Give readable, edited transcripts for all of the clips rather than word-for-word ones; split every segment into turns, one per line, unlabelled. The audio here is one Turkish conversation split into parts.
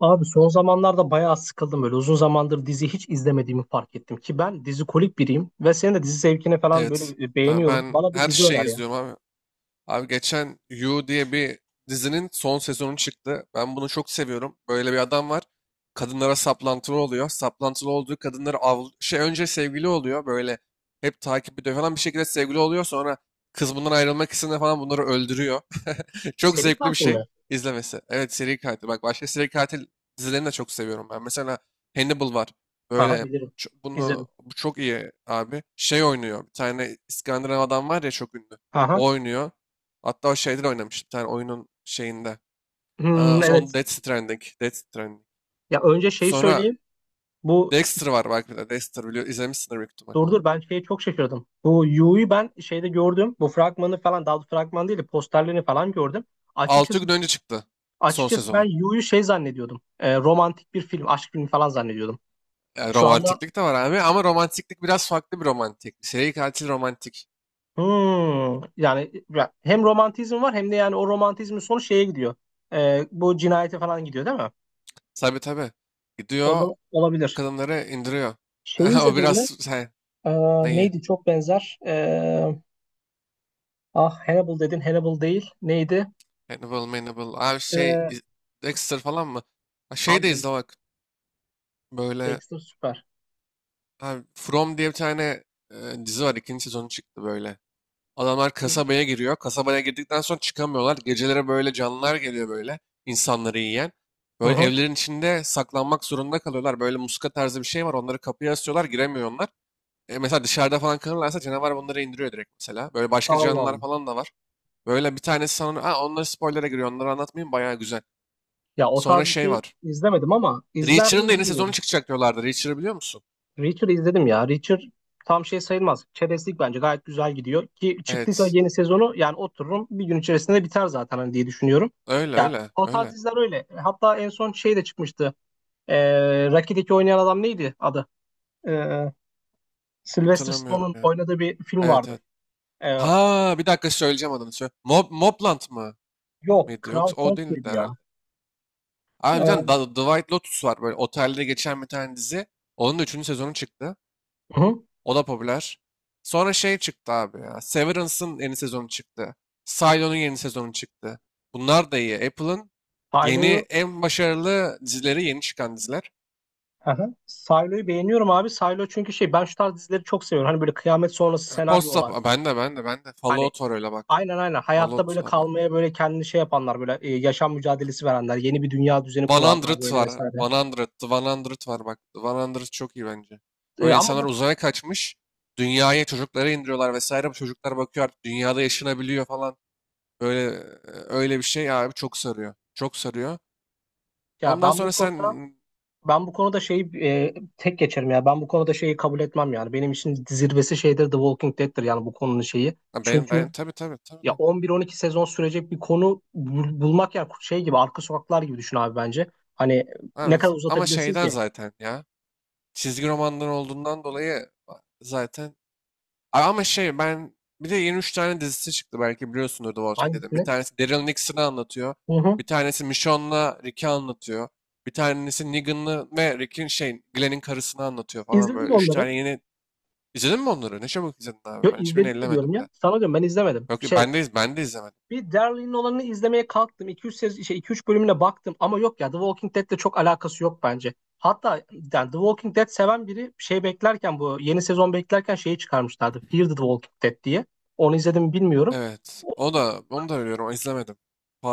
Abi son zamanlarda bayağı sıkıldım böyle. Uzun zamandır dizi hiç izlemediğimi fark ettim ki ben dizi kolik biriyim ve senin de dizi zevkini falan böyle
Evet. Aa,
beğeniyorum.
ben
Bana bir
her
dizi
şeyi
öner ya.
izliyorum abi. Abi geçen You diye bir dizinin son sezonu çıktı. Ben bunu çok seviyorum. Böyle bir adam var. Kadınlara saplantılı oluyor. Saplantılı olduğu kadınları av şey önce sevgili oluyor. Böyle hep takip ediyor falan bir şekilde sevgili oluyor. Sonra kız bundan ayrılmak istediğinde falan bunları öldürüyor. Çok
Seri
zevkli bir
Katil
şey
mi?
izlemesi. Evet, seri katil. Bak, başka seri katil dizilerini de çok seviyorum ben. Mesela Hannibal var.
Aha
Böyle
bilirim.
ço-
İzledim.
bunu bu çok iyi abi. Şey oynuyor. Bir tane İskandinav adam var ya, çok ünlü.
Aha.
O oynuyor. Hatta o şeyde de oynamış. Bir tane oyunun şeyinde. Aa,
Hmm,
on
evet.
Death Stranding. Death Stranding.
Ya önce şeyi
Sonra
söyleyeyim. Bu
Dexter var belki de. Dexter biliyor. İzlemişsindir büyük ihtimal
dur
onu.
dur ben şeye çok şaşırdım. Bu Yu'yu ben şeyde gördüm. Bu fragmanı falan, daha doğrusu fragman değil de posterlerini falan gördüm.
6
Açıkçası
gün önce çıktı son
açıkçası ben
sezonu.
Yu'yu şey zannediyordum. Romantik bir film, aşk filmi falan zannediyordum.
Yani
Şu anda
romantiklik de var abi ama romantiklik biraz farklı bir romantik. Seri katil romantik.
Hmm, yani ya hem romantizm var hem de yani o romantizmin sonu şeye gidiyor. Bu cinayete falan gidiyor değil mi?
Tabii tabii.
O
Gidiyor,
zaman olabilir.
kadınları indiriyor.
Şeyi
O
izledin mi?
biraz şey,
Ee,
neyi?
Neydi, çok benzer. Ah, Hannibal dedin. Hannibal değil. Neydi?
Hannibal, Hannibal. Abi şey
Ee,
Dexter falan mı? Ha, şey
Abi
de izle bak. Böyle.
Dexter süper.
Abi, From diye bir tane dizi var. İkinci sezonu çıktı böyle. Adamlar kasabaya giriyor. Kasabaya girdikten sonra çıkamıyorlar. Gecelere böyle canlılar geliyor böyle. İnsanları yiyen.
Hı
Böyle
hı.
evlerin içinde saklanmak zorunda kalıyorlar. Böyle muska tarzı bir şey var. Onları kapıya asıyorlar. Giremiyorlar. Mesela dışarıda falan kalırlarsa canavar bunları indiriyor direkt mesela. Böyle başka
Allah
canlılar
Allah.
falan da var. Böyle bir tanesi sanırım. Ha, onları spoiler'a giriyor. Onları anlatmayayım. Bayağı güzel.
Ya o
Sonra
tarz bir
şey
şey
var.
izlemedim ama izler mi
Reacher'ın da yeni sezonu
izlemiyorum.
çıkacak diyorlardı. Reacher'ı biliyor musun?
Reacher'ı izledim ya. Reacher tam şey sayılmaz. Çerezlik bence gayet güzel gidiyor. Ki çıktıysa
Evet.
yeni sezonu yani otururum bir gün içerisinde biter zaten hani diye düşünüyorum.
Öyle
Ya
öyle
o tarz
öyle.
diziler öyle. Hatta en son şey de çıkmıştı. Rocky'deki oynayan adam neydi adı? Ee, Sylvester
Hatırlamıyorum
Stallone'un
ya.
oynadığı bir film
Evet,
vardı.
evet.
Ee,
Ha, bir dakika, söyleyeceğim adını. Söyle. Mobland mı
Yok,
mıydı?
Kral
Yoksa o
Kong
değildi
muydu ya?
herhalde. Abi bir tane
Ee,
The White Lotus var, böyle otelde geçen bir tane dizi. Onun da üçüncü sezonu çıktı.
hı.
O da popüler. Sonra şey çıktı abi ya. Severance'ın yeni sezonu çıktı. Silo'nun yeni sezonu çıktı. Bunlar da iyi. Apple'ın yeni,
Silo'yu
en başarılı dizileri, yeni çıkan diziler.
hı hı. Silo'yu beğeniyorum abi. Silo, çünkü şey, ben şu tarz dizileri çok seviyorum. Hani böyle kıyamet sonrası senaryo
Post-up.
olan.
Aa, ben de ben de ben de.
Hani
Fallout var, öyle bak.
aynen aynen. Hayatta
Fallout
böyle
var.
kalmaya böyle kendini şey yapanlar, böyle yaşam mücadelesi verenler, yeni bir
100 var. 100,
dünya düzeni kuranlar böyle vesaire.
The var bak. The çok iyi bence.
E,
Böyle
ama
insanlar
bu
uzaya kaçmış. Dünyaya çocuklara indiriyorlar vesaire. Bu çocuklar bakıyor, artık dünyada yaşanabiliyor falan. Böyle öyle bir şey abi, çok sarıyor. Çok sarıyor.
ya
Ondan
ben
sonra
bu
sen.
konuda ben bu konuda şeyi tek geçerim ya. Ben bu konuda şeyi kabul etmem yani. Benim için zirvesi şeydir, The Walking Dead'tir yani bu konunun şeyi.
Ha, ben
Çünkü
ben tabii tabii tabii.
ya
Tabii.
11-12 sezon sürecek bir konu bulmak, ya şey gibi arka sokaklar gibi düşün abi bence. Hani ne
Abi,
kadar
ama
uzatabilirsin
şeyden
ki
zaten ya. Çizgi romandan olduğundan dolayı zaten. Ama şey, ben bir de yeni 3 tane dizisi çıktı belki biliyorsundur, The Walking Dead'in. Bir
hangisini?
tanesi Daryl Nixon'ı anlatıyor.
Hı hı.
Bir tanesi Michonne'la Rick'i anlatıyor. Bir tanesi Negan'ı ve Rick'in şey Glenn'in karısını anlatıyor falan
İzledin mi
böyle. Üç
onları?
tane yeni... İzledin mi onları? Ne çabuk izledin abi. Ben
Yok,
hiçbirini
izledin mi diyorum
ellemedim bile.
ya. Sana diyorum ben izlemedim.
Yok
Şey
ben de, ben de izlemedim.
bir Daryl'in olanını izlemeye kalktım. İki üç şey 2-3 bölümüne baktım ama yok ya, The Walking Dead'le çok alakası yok bence. Hatta yani The Walking Dead seven biri şey beklerken, bu yeni sezon beklerken şeyi çıkarmışlardı. Fear the Walking Dead diye. Onu izledim mi bilmiyorum.
Evet.
O,
O da, onu da biliyorum. İzlemedim.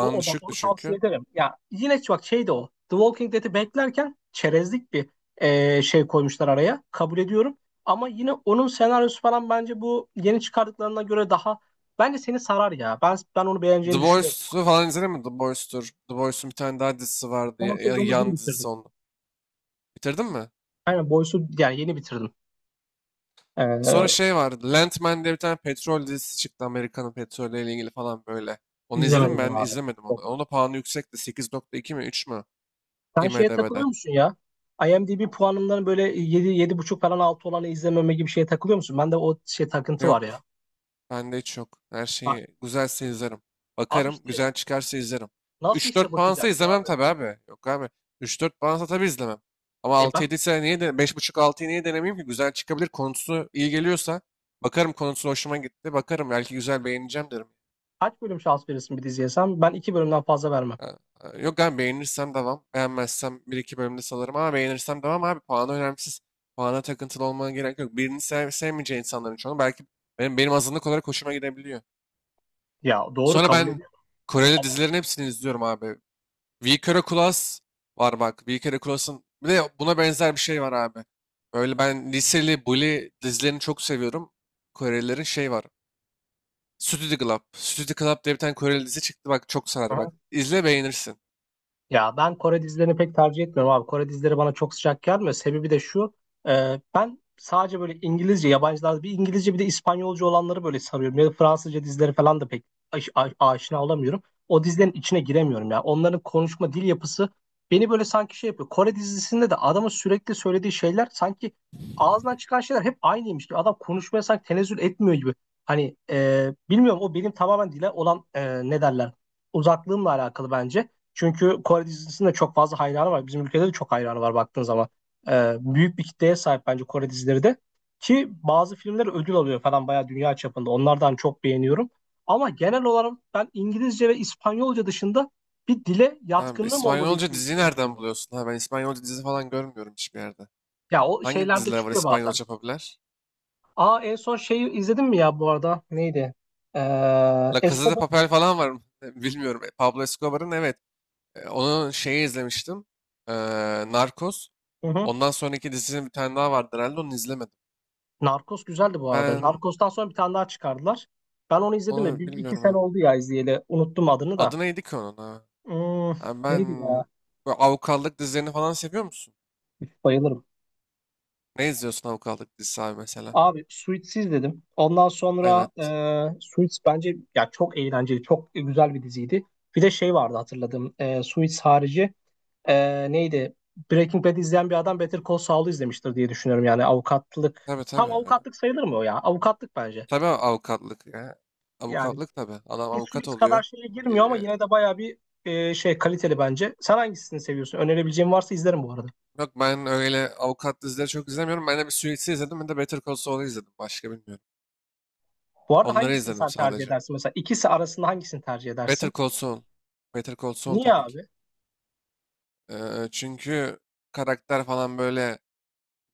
o, o bak,
düşüktü
onu tavsiye
çünkü.
ederim. Ya yine bak şey de o. The Walking Dead'i beklerken çerezlik bir şey koymuşlar araya. Kabul ediyorum. Ama yine onun senaryosu falan bence bu yeni çıkardıklarına göre daha bence seni sarar ya. Ben onu
The
beğeneceğini düşünüyorum.
Boys'u falan izledin mi? The Boys'tur. The Boys'un bir tane daha dizisi vardı.
Son
Ya,
sezonu dün
Yan dizisi
bitirdim.
onu. Bitirdin mi?
Aynen Boys'u yani yeni bitirdim. Ee,
Sonra şey vardı. Landman diye bir tane petrol dizisi çıktı. Amerika'nın petrolüyle ilgili falan böyle. Onu izledim mi?
izlemedim
Ben
onu abi.
izlemedim onu.
Yok.
Onun da puanı yüksekti. 8,2 mi, 3 mü
Sen şeye takılıyor
IMDb'de?
musun ya? IMDb puanından böyle yedi yedi buçuk falan altı olanı izlememe gibi şeye takılıyor musun? Bende o şey takıntı var ya.
Yok. Bende hiç yok. Her
Bak,
şeyi, güzelse izlerim.
abi
Bakarım.
işte
Güzel çıkarsa izlerim.
nasıl
Üç
işte
dört puansa
bakacaksın
izlemem
abi?
tabii abi. Yok abi. Üç dört puansa tabii izlemem. Ama
E
altı
bak,
yedi ise niye de, beş buçuk 6'yı niye denemeyeyim ki? Güzel çıkabilir. Konusu iyi geliyorsa. Bakarım, konusu hoşuma gitti. Bakarım, belki güzel, beğeneceğim derim.
kaç bölüm şans verirsin bir diziye sen? Ben iki bölümden fazla vermem.
Ha, yok abi, beğenirsem devam. Beğenmezsem bir iki bölümde salarım ama beğenirsem devam abi. Puanı önemsiz. Puana takıntılı olmana gerek yok. Birini sev sevmeyeceği insanların çoğunu belki benim azınlık olarak hoşuma gidebiliyor.
Ya doğru,
Sonra
kabul
ben
ediyorum
Koreli
ama
dizilerin hepsini izliyorum abi. We Kere Kulas var bak. We Kere Kulas'ın bir de buna benzer bir şey var abi. Böyle ben liseli bully dizilerini çok seviyorum. Korelilerin şey var. Studio Club. Studio Club diye bir tane Koreli dizi çıktı. Bak çok sarar bak.
aha.
İzle, beğenirsin.
Ya ben Kore dizilerini pek tercih etmiyorum abi. Kore dizileri bana çok sıcak gelmiyor. Sebebi de şu. Ben sadece böyle İngilizce, yabancılar bir İngilizce bir de İspanyolca olanları böyle sarıyorum. Ya da Fransızca dizileri falan da pek aşina olamıyorum. O dizilerin içine giremiyorum ya. Onların konuşma dil yapısı beni böyle sanki şey yapıyor. Kore dizisinde de adamın sürekli söylediği şeyler, sanki ağzından çıkan şeyler hep aynıymış gibi. Adam konuşmaya sanki tenezzül etmiyor gibi. Hani bilmiyorum, o benim tamamen dile olan ne derler, uzaklığımla alakalı bence. Çünkü Kore dizisinin de çok fazla hayranı var. Bizim ülkede de çok hayranı var baktığın zaman. Büyük bir kitleye sahip bence Kore dizileri de. Ki bazı filmler ödül alıyor falan bayağı dünya çapında. Onlardan çok beğeniyorum. Ama genel olarak ben İngilizce ve İspanyolca dışında bir dile
Ha,
yatkınlığım olmadığı
İspanyolca
için
diziyi
bir şey
nereden
izleyemiyorum.
buluyorsun? Ha, ben İspanyolca dizi falan görmüyorum hiçbir yerde.
Ya o
Hangi
şeylerde
diziler var
çıkıyor bazen.
İspanyolca popüler?
Aa, en son şeyi izledin mi ya bu arada? Neydi? Ee,
La Casa de
Escobar.
Papel falan var mı? Bilmiyorum. Pablo Escobar'ın, evet. Onun şeyi izlemiştim. Ee, Narcos. Ondan sonraki dizisinin bir tane daha vardı herhalde. Onu izlemedim.
Narcos güzeldi bu arada.
Ben
Narcos'tan sonra bir tane daha çıkardılar. Ben onu izledim de
onu
bir iki
bilmiyorum
sene
abi.
oldu ya izleyeli. Unuttum adını da.
Adı neydi ki onun, ha?
Hmm,
Ha, ben,
neydi ya?
bu avukatlık dizilerini falan seviyor musun?
Üf, bayılırım.
Ne izliyorsun avukatlık dizisi abi mesela?
Abi Suits izledim. Ondan sonra
Evet.
Suits bence ya çok eğlenceli, çok güzel bir diziydi. Bir de şey vardı hatırladım. E, Suits harici neydi? Breaking Bad izleyen bir adam Better Call Saul'u izlemiştir diye düşünüyorum. Yani avukatlık.
Tabii
Tam
tabii.
avukatlık sayılır mı o ya? Avukatlık bence.
Tabii avukatlık ya.
Yani
Avukatlık tabii. Adam
bir
avukat
Suits
oluyor.
kadar şeye girmiyor ama
Ee,
yine de bayağı bir şey kaliteli bence. Sen hangisini seviyorsun? Önerebileceğim varsa izlerim bu arada.
Yok, ben öyle avukat dizileri çok izlemiyorum. Ben de bir Suits'i izledim. Ben de Better Call Saul'u izledim. Başka bilmiyorum.
Bu arada
Onları
hangisini
izledim
sen tercih
sadece.
edersin? Mesela ikisi arasında hangisini tercih
Better
edersin?
Call Saul. Better Call Saul
Niye
tabii ki.
abi?
Çünkü karakter falan böyle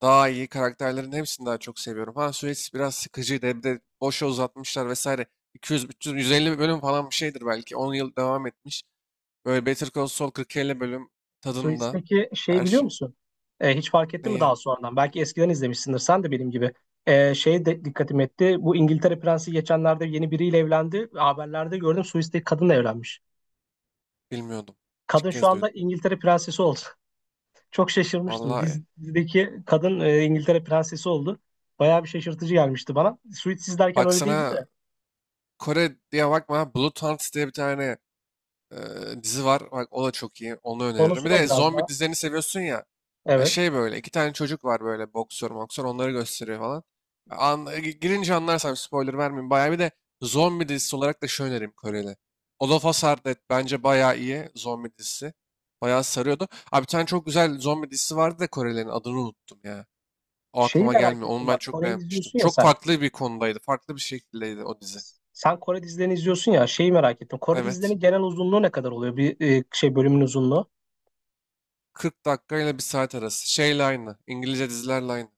daha iyi. Karakterlerin hepsini daha çok seviyorum. Ha, Suits biraz sıkıcıydı. Bir de boşa uzatmışlar vesaire. 200, 300, 150 bölüm falan bir şeydir belki. 10 yıl devam etmiş. Böyle Better Call Saul 40-50 bölüm tadında.
Suits'teki şeyi
Her
biliyor
şey.
musun? E, hiç fark ettin mi
Neyi?
daha sonradan? Belki eskiden izlemişsindir sen de benim gibi. E, şey de dikkatimi etti. Bu İngiltere Prensi geçenlerde yeni biriyle evlendi. Haberlerde gördüm Suits'teki kadınla evlenmiş.
Bilmiyordum. İlk
Kadın şu
kez
anda
duydum.
İngiltere Prensesi oldu. Çok şaşırmıştım.
Vallahi.
Dizideki kadın İngiltere prensesi oldu. Bayağı bir şaşırtıcı gelmişti bana. Suits izlerken öyle değildi
Baksana,
de.
Kore diye bakma. Blood Hunt diye bir tane e, dizi var. Bak, o da çok iyi. Onu öneririm.
Konusu
Bir
ne
de
biraz daha?
zombi dizilerini seviyorsun ya.
Evet.
Şey, böyle iki tane çocuk var, böyle boksör boksör onları gösteriyor falan. Girince anlarsam spoiler vermeyeyim. Bayağı, bir de zombi dizisi olarak da şu önerim Koreli. All of Us Are Dead bence bayağı iyi zombi dizisi. Bayağı sarıyordu. Abi bir tane çok güzel zombi dizisi vardı da Korelilerin adını unuttum ya. O
Şeyi
aklıma
merak
gelmiyor. Onu
ettim
ben
bak.
çok
Kore'yi
beğenmiştim.
izliyorsun ya
Çok
sen.
farklı bir konudaydı. Farklı bir şekildeydi o dizi.
Sen Kore dizilerini izliyorsun ya. Şeyi merak ettim. Kore
Evet.
dizilerinin genel uzunluğu ne kadar oluyor? Bir şey, bölümün uzunluğu.
40 dakika ile bir saat arası. Şeyle aynı. İngilizce dizilerle aynı.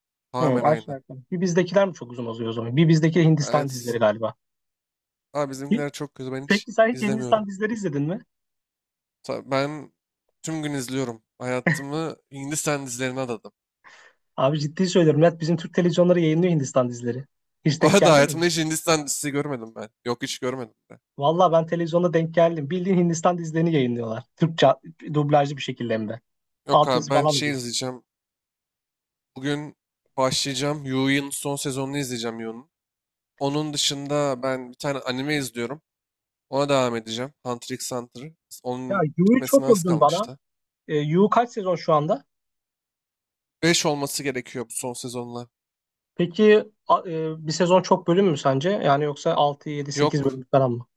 Hı,
Tamamen
aşağı
aynı.
yukarı. Bir bizdekiler mi çok uzun oluyor o zaman? Bir bizdeki Hindistan dizileri
Evet.
galiba.
Abi
Hi-
bizimkiler çok kötü. Ben hiç
Peki sen hiç
izlemiyorum.
Hindistan dizileri izledin mi?
Ben tüm gün izliyorum. Hayatımı Hindistan dizilerine adadım.
Abi ciddi söylüyorum. Net bizim Türk televizyonları yayınlıyor Hindistan dizileri. Hiç
O
denk
arada
geldi mi?
hayatımda hiç Hindistan dizisi görmedim ben. Yok, hiç görmedim ben.
Valla ben televizyonda denk geldim. Bildiğin Hindistan dizilerini yayınlıyorlar. Türkçe dublajlı bir şekilde hem de.
Yok abi,
Altyazı
ben
falan da
şey
değil.
izleyeceğim. Bugün başlayacağım. Yu'nun son sezonunu izleyeceğim, Yu'nun. Onun dışında ben bir tane anime izliyorum. Ona devam edeceğim. Hunter x Hunter.
Ya
Onun
Yu'yu
bitmesine
çok
az
övdün bana.
kalmıştı.
E, Yu kaç sezon şu anda?
5 olması gerekiyor bu son sezonla.
Peki bir sezon çok bölüm mü sence? Yani yoksa 6, 7, 8
Yok.
bölüm falan mı?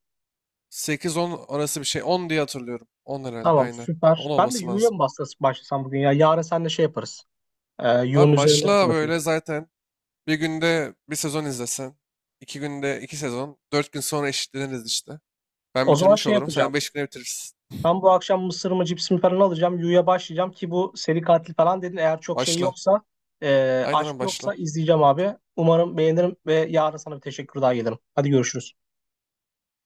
8-10 arası bir şey. 10 diye hatırlıyorum. 10 herhalde,
Tamam
aynen.
süper.
10
Ben de
olması
Yu'ya
lazım.
mı başlasam bugün ya? Yarın seninle şey yaparız. E, Yu'nun
Abi
üzerinde
başla,
konuşuruz.
böyle zaten bir günde bir sezon izlesen. 2 günde 2 sezon. 4 gün sonra eşitleniriz işte. Ben
O zaman
bitirmiş
şey
olurum.
yapacağım.
Sen 5 güne bitirirsin.
Ben bu akşam mısır mı cips mi falan alacağım. Yu'ya başlayacağım ki bu seri katil falan dedin. Eğer çok şey
Başla.
yoksa,
Aynen
aşk
abi, başla.
yoksa izleyeceğim abi. Umarım beğenirim ve yarın sana bir teşekkür daha gelirim. Hadi görüşürüz.